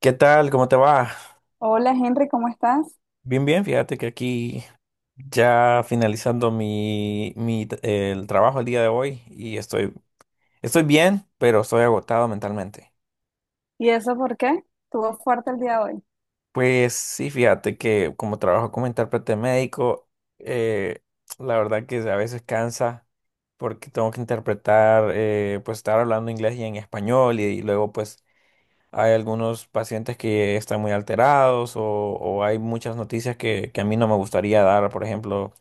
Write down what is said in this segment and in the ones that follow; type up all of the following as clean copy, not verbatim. ¿Qué tal? ¿Cómo te va? Hola Henry, ¿cómo estás? Bien, bien, fíjate que aquí ya finalizando el trabajo el día de hoy y estoy bien, pero estoy agotado mentalmente. ¿Y eso por qué? ¿Estuvo fuerte el día de hoy? Pues sí, fíjate que como trabajo como intérprete médico, eh, la verdad que a veces cansa porque tengo que interpretar, pues estar hablando inglés y en español y luego pues hay algunos pacientes que están muy alterados o hay muchas noticias que a mí no me gustaría dar, por ejemplo.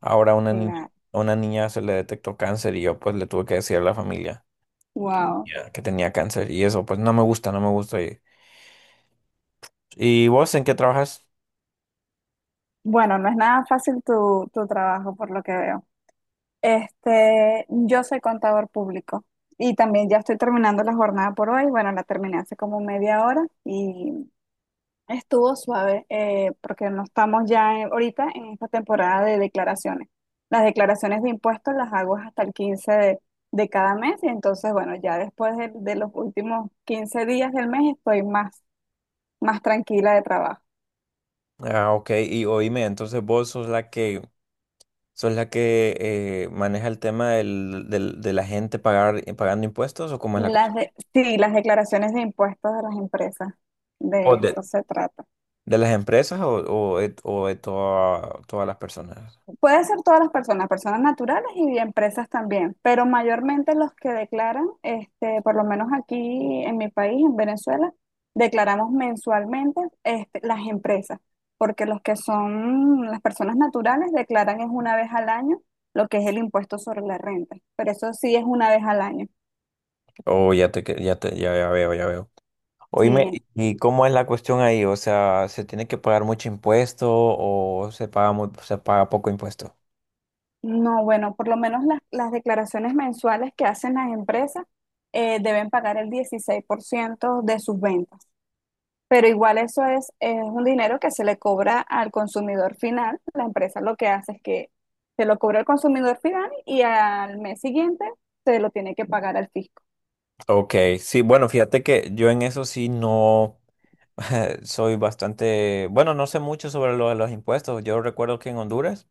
Ahora una niña, Claro. a una niña se le detectó cáncer y yo pues le tuve que decir a la familia Wow. ya, que tenía cáncer y eso pues no me gusta, no me gusta. ¿Y vos en qué trabajas? Bueno, no es nada fácil tu trabajo, por lo que veo. Yo soy contador público y también ya estoy terminando la jornada por hoy. Bueno, la terminé hace como media hora. Y estuvo suave, porque no estamos ya ahorita en esta temporada de declaraciones. Las declaraciones de impuestos las hago hasta el 15 de cada mes. Y entonces, bueno, ya después de los últimos 15 días del mes estoy más tranquila de trabajo. Ah, ok, y oíme, entonces vos sos la que maneja el tema de la gente pagar, pagando impuestos, ¿o cómo es la cosa? Sí, las declaraciones de impuestos de las empresas, ¿O de de, eso se trata. ¿De las empresas todas las personas? Puede ser todas las personas, personas naturales y empresas también, pero mayormente los que declaran, por lo menos aquí en mi país, en Venezuela, declaramos mensualmente, las empresas, porque los que son las personas naturales declaran es una vez al año lo que es el impuesto sobre la renta, pero eso sí es una vez al año. O ya te, que- ya te, ya, Ya veo, ya veo. Oíme, Sí, ¿y cómo es la cuestión ahí? O sea, ¿se tiene que pagar mucho impuesto o se paga poco impuesto? no, bueno, por lo menos las declaraciones mensuales que hacen las empresas deben pagar el 16% de sus ventas. Pero igual eso es un dinero que se le cobra al consumidor final. La empresa lo que hace es que se lo cobra al consumidor final y al mes siguiente se lo tiene que pagar al fisco. Ok, sí, bueno, fíjate que yo en eso sí no soy bastante, bueno, no sé mucho sobre lo de los impuestos. Yo recuerdo que en Honduras,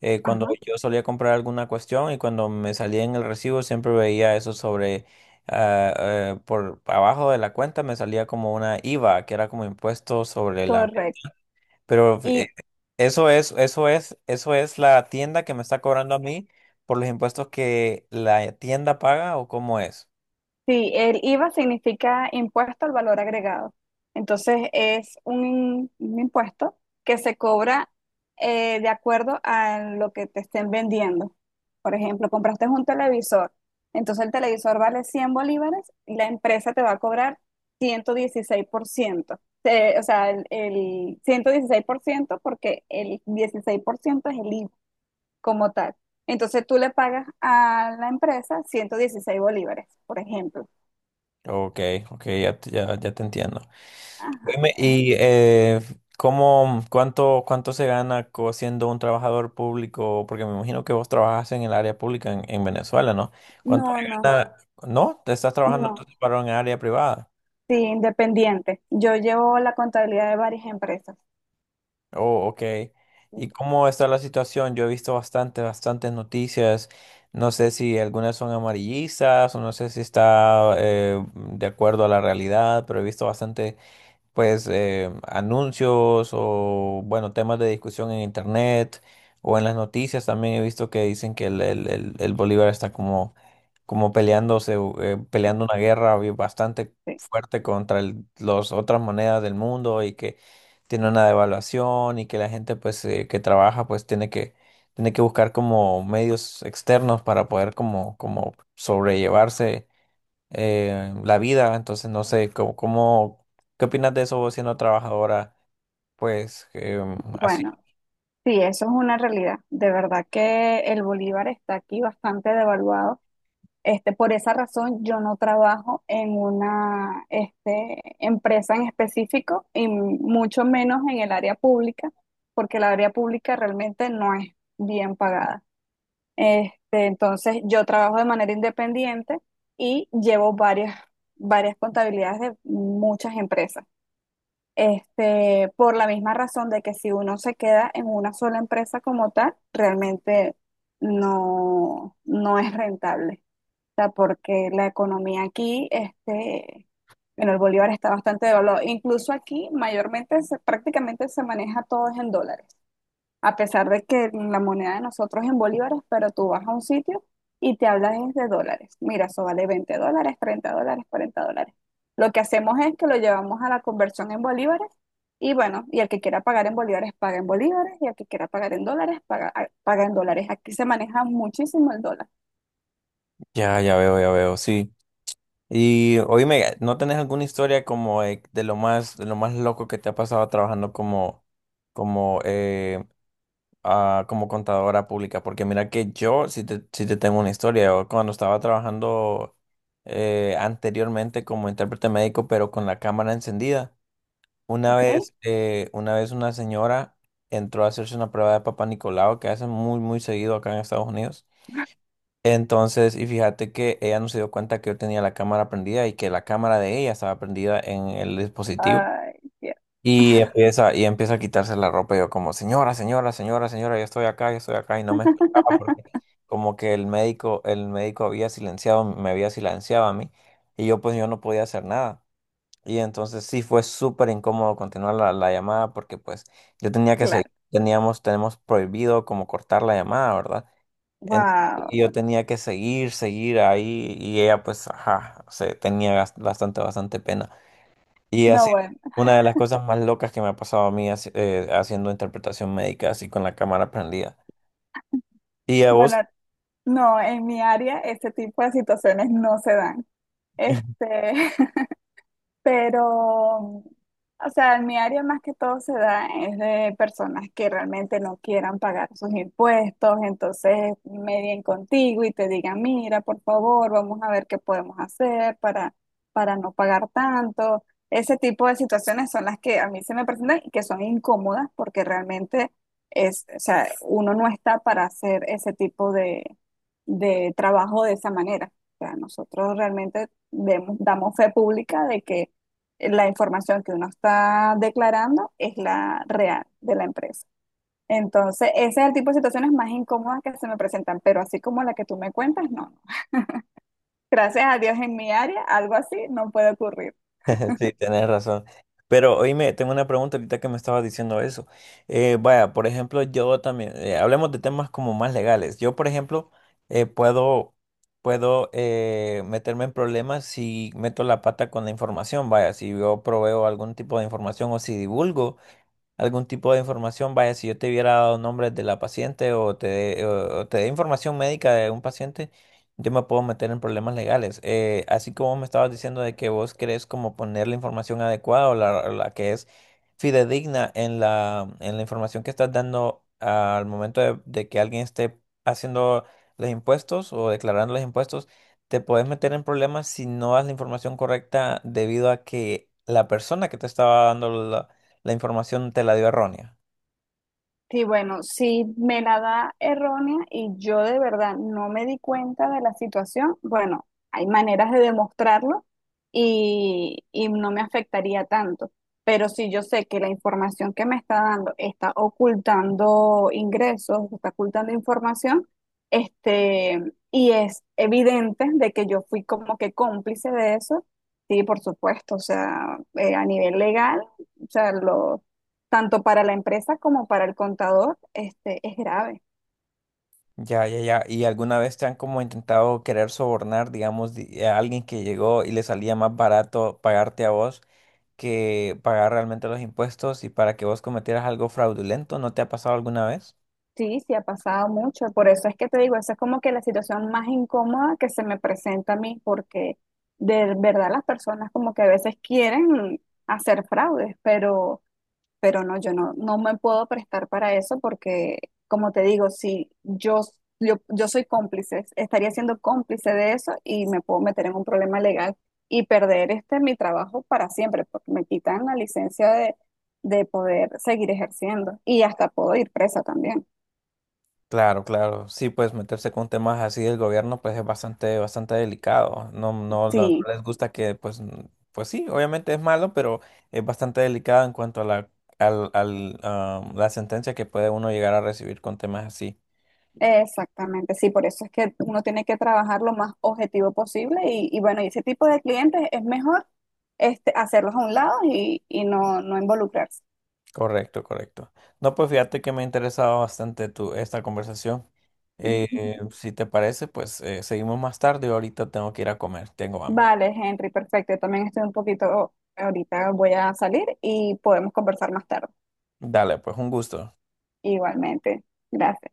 cuando Ajá, yo solía comprar alguna cuestión y cuando me salía en el recibo, siempre veía eso sobre, por abajo de la cuenta me salía como una IVA, que era como impuesto sobre la... correcto. Pero Y eso es, eso es, eso es la tienda que me está cobrando a mí por los impuestos que la tienda paga, o cómo es. sí, el IVA significa impuesto al valor agregado. Entonces, es un impuesto que se cobra, de acuerdo a lo que te estén vendiendo. Por ejemplo, compraste un televisor, entonces el televisor vale 100 bolívares y la empresa te va a cobrar 116%. O sea, el ciento dieciséis por ciento, porque el 16% es el IVA como tal. Entonces tú le pagas a la empresa 116 bolívares, por ejemplo. Ok, ok, ya, ya te entiendo. Ajá. Oíme, y ¿cómo, cuánto se gana siendo un trabajador público? Porque me imagino que vos trabajas en el área pública en Venezuela, ¿no? ¿Cuánto se No, no, gana? ¿No? ¿Te estás trabajando no. entonces para un área privada? Sí, independiente. Yo llevo la contabilidad de varias empresas. Oh, ok. Sí. ¿Y cómo está la situación? Yo he visto bastante, bastantes noticias. No sé si algunas son amarillistas o no sé si está de acuerdo a la realidad, pero he visto bastante pues anuncios o bueno, temas de discusión en internet o en las noticias también he visto que dicen que el bolívar está como, como peleándose, peleando una guerra bastante Sí, fuerte contra las otras monedas del mundo y que tiene una devaluación y que la gente pues que trabaja pues tiene que buscar como medios externos para poder como como sobrellevarse la vida. Entonces, no sé, ¿qué opinas de eso vos siendo trabajadora? Pues así. bueno, sí, eso es una realidad. De verdad que el bolívar está aquí bastante devaluado. Por esa razón, yo no trabajo en una empresa en específico, y mucho menos en el área pública, porque el área pública realmente no es bien pagada. Entonces, yo trabajo de manera independiente y llevo varias contabilidades de muchas empresas. Por la misma razón de que si uno se queda en una sola empresa como tal, realmente no es rentable, sea, porque la economía aquí, bueno, el bolívar está bastante devaluado. Incluso aquí, mayormente, prácticamente se maneja todo es en dólares. A pesar de que la moneda de nosotros es en bolívares, pero tú vas a un sitio y te hablas es de dólares. Mira, eso vale 20 dólares, 30 dólares, 40 dólares. Lo que hacemos es que lo llevamos a la conversión en bolívares, y bueno, y el que quiera pagar en bolívares, paga en bolívares, y el que quiera pagar en dólares, paga en dólares. Aquí se maneja muchísimo el dólar, Ya, ya veo, sí. Y oíme, ¿no tenés alguna historia como de lo más loco que te ha pasado trabajando como, como, como contadora pública? Porque mira que yo sí te tengo una historia. Yo cuando estaba trabajando anteriormente como intérprete médico, pero con la cámara encendida. Una ¿ok? vez, una vez una señora entró a hacerse una prueba de Papá Nicolau, que hacen muy, muy seguido acá en Estados Unidos. Entonces, y fíjate que ella no se dio cuenta que yo tenía la cámara prendida y que la cámara de ella estaba prendida en el dispositivo. Ay, Dios. Y y empieza a quitarse la ropa. Y yo como, señora, señora, señora, señora, yo estoy acá, yo estoy acá. Y no me escuchaba porque como que el médico había silenciado, me había silenciado a mí. Y yo pues yo no podía hacer nada. Y entonces sí fue súper incómodo continuar la llamada porque pues yo tenía que seguir, Claro. teníamos, tenemos prohibido como cortar la llamada, ¿verdad? Y Wow. yo tenía que seguir, seguir ahí, y ella pues, ajá, bastante, bastante pena. Y No, así, bueno. una de las cosas más locas que me ha pasado a mí haciendo interpretación médica así con la cámara prendida. ¿Y a Bueno, vos? no, en mi área ese tipo de situaciones no se dan. Este, Pero, o sea, en mi área más que todo se da es de personas que realmente no quieran pagar sus impuestos, entonces medien contigo y te digan, mira, por favor, vamos a ver qué podemos hacer para no pagar tanto. Ese tipo de situaciones son las que a mí se me presentan, y que son incómodas porque realmente o sea, uno no está para hacer ese tipo de trabajo de esa manera. O sea, nosotros realmente damos fe pública de que la información que uno está declarando es la real de la empresa. Entonces, ese es el tipo de situaciones más incómodas que se me presentan, pero así como la que tú me cuentas, no. Gracias a Dios en mi área, algo así no puede ocurrir. Sí, tenés razón. Pero oíme, tengo una pregunta ahorita que me estaba diciendo eso. Vaya, por ejemplo, yo también, hablemos de temas como más legales. Yo, por ejemplo, eh, puedo, puedo meterme en problemas si meto la pata con la información, vaya, si yo proveo algún tipo de información o si divulgo algún tipo de información, vaya, si yo te hubiera dado nombres de la paciente o te, o te dé información médica de un paciente, yo me puedo meter en problemas legales. Así como me estabas diciendo de que vos querés como poner la información adecuada o o la que es fidedigna en en la información que estás dando al momento de que alguien esté haciendo los impuestos o declarando los impuestos, te puedes meter en problemas si no das la información correcta, debido a que la persona que te estaba dando la información te la dio errónea. Sí, bueno, si me la da errónea y yo de verdad no me di cuenta de la situación, bueno, hay maneras de demostrarlo y no me afectaría tanto. Pero si yo sé que la información que me está dando está ocultando ingresos, está ocultando información, este, y es evidente de que yo fui como que cómplice de eso, sí, por supuesto, o sea, a nivel legal, o sea, lo, tanto para la empresa como para el contador, es grave. Ya, ya, ya. ¿Y alguna vez te han como intentado querer sobornar, digamos, a alguien que llegó y le salía más barato pagarte a vos que pagar realmente los impuestos, y para que vos cometieras algo fraudulento? ¿No te ha pasado alguna vez? Sí, sí ha pasado mucho. Por eso es que te digo, esa es como que la situación más incómoda que se me presenta a mí, porque de verdad las personas como que a veces quieren hacer fraudes, pero no, yo no me puedo prestar para eso porque, como te digo, si yo, yo soy cómplice, estaría siendo cómplice de eso y me puedo meter en un problema legal y perder este mi trabajo para siempre, porque me quitan la licencia de poder seguir ejerciendo y hasta puedo ir presa también. Claro, claro. Sí, pues meterse con temas así del gobierno pues es bastante, bastante delicado. No, no, no, no Sí, les gusta que pues, pues sí, obviamente es malo, pero es bastante delicado en cuanto a la, al, al, ah, la sentencia que puede uno llegar a recibir con temas así. exactamente, sí, por eso es que uno tiene que trabajar lo más objetivo posible y bueno, y ese tipo de clientes es mejor hacerlos a un lado y no involucrarse. Correcto, correcto. No, pues fíjate que me ha interesado bastante tu, esta conversación. Si te parece, pues seguimos más tarde. Ahorita tengo que ir a comer, tengo hambre. Vale, Henry, perfecto. Yo también estoy un poquito, ahorita voy a salir y podemos conversar más tarde. Dale, pues un gusto. Igualmente. Gracias.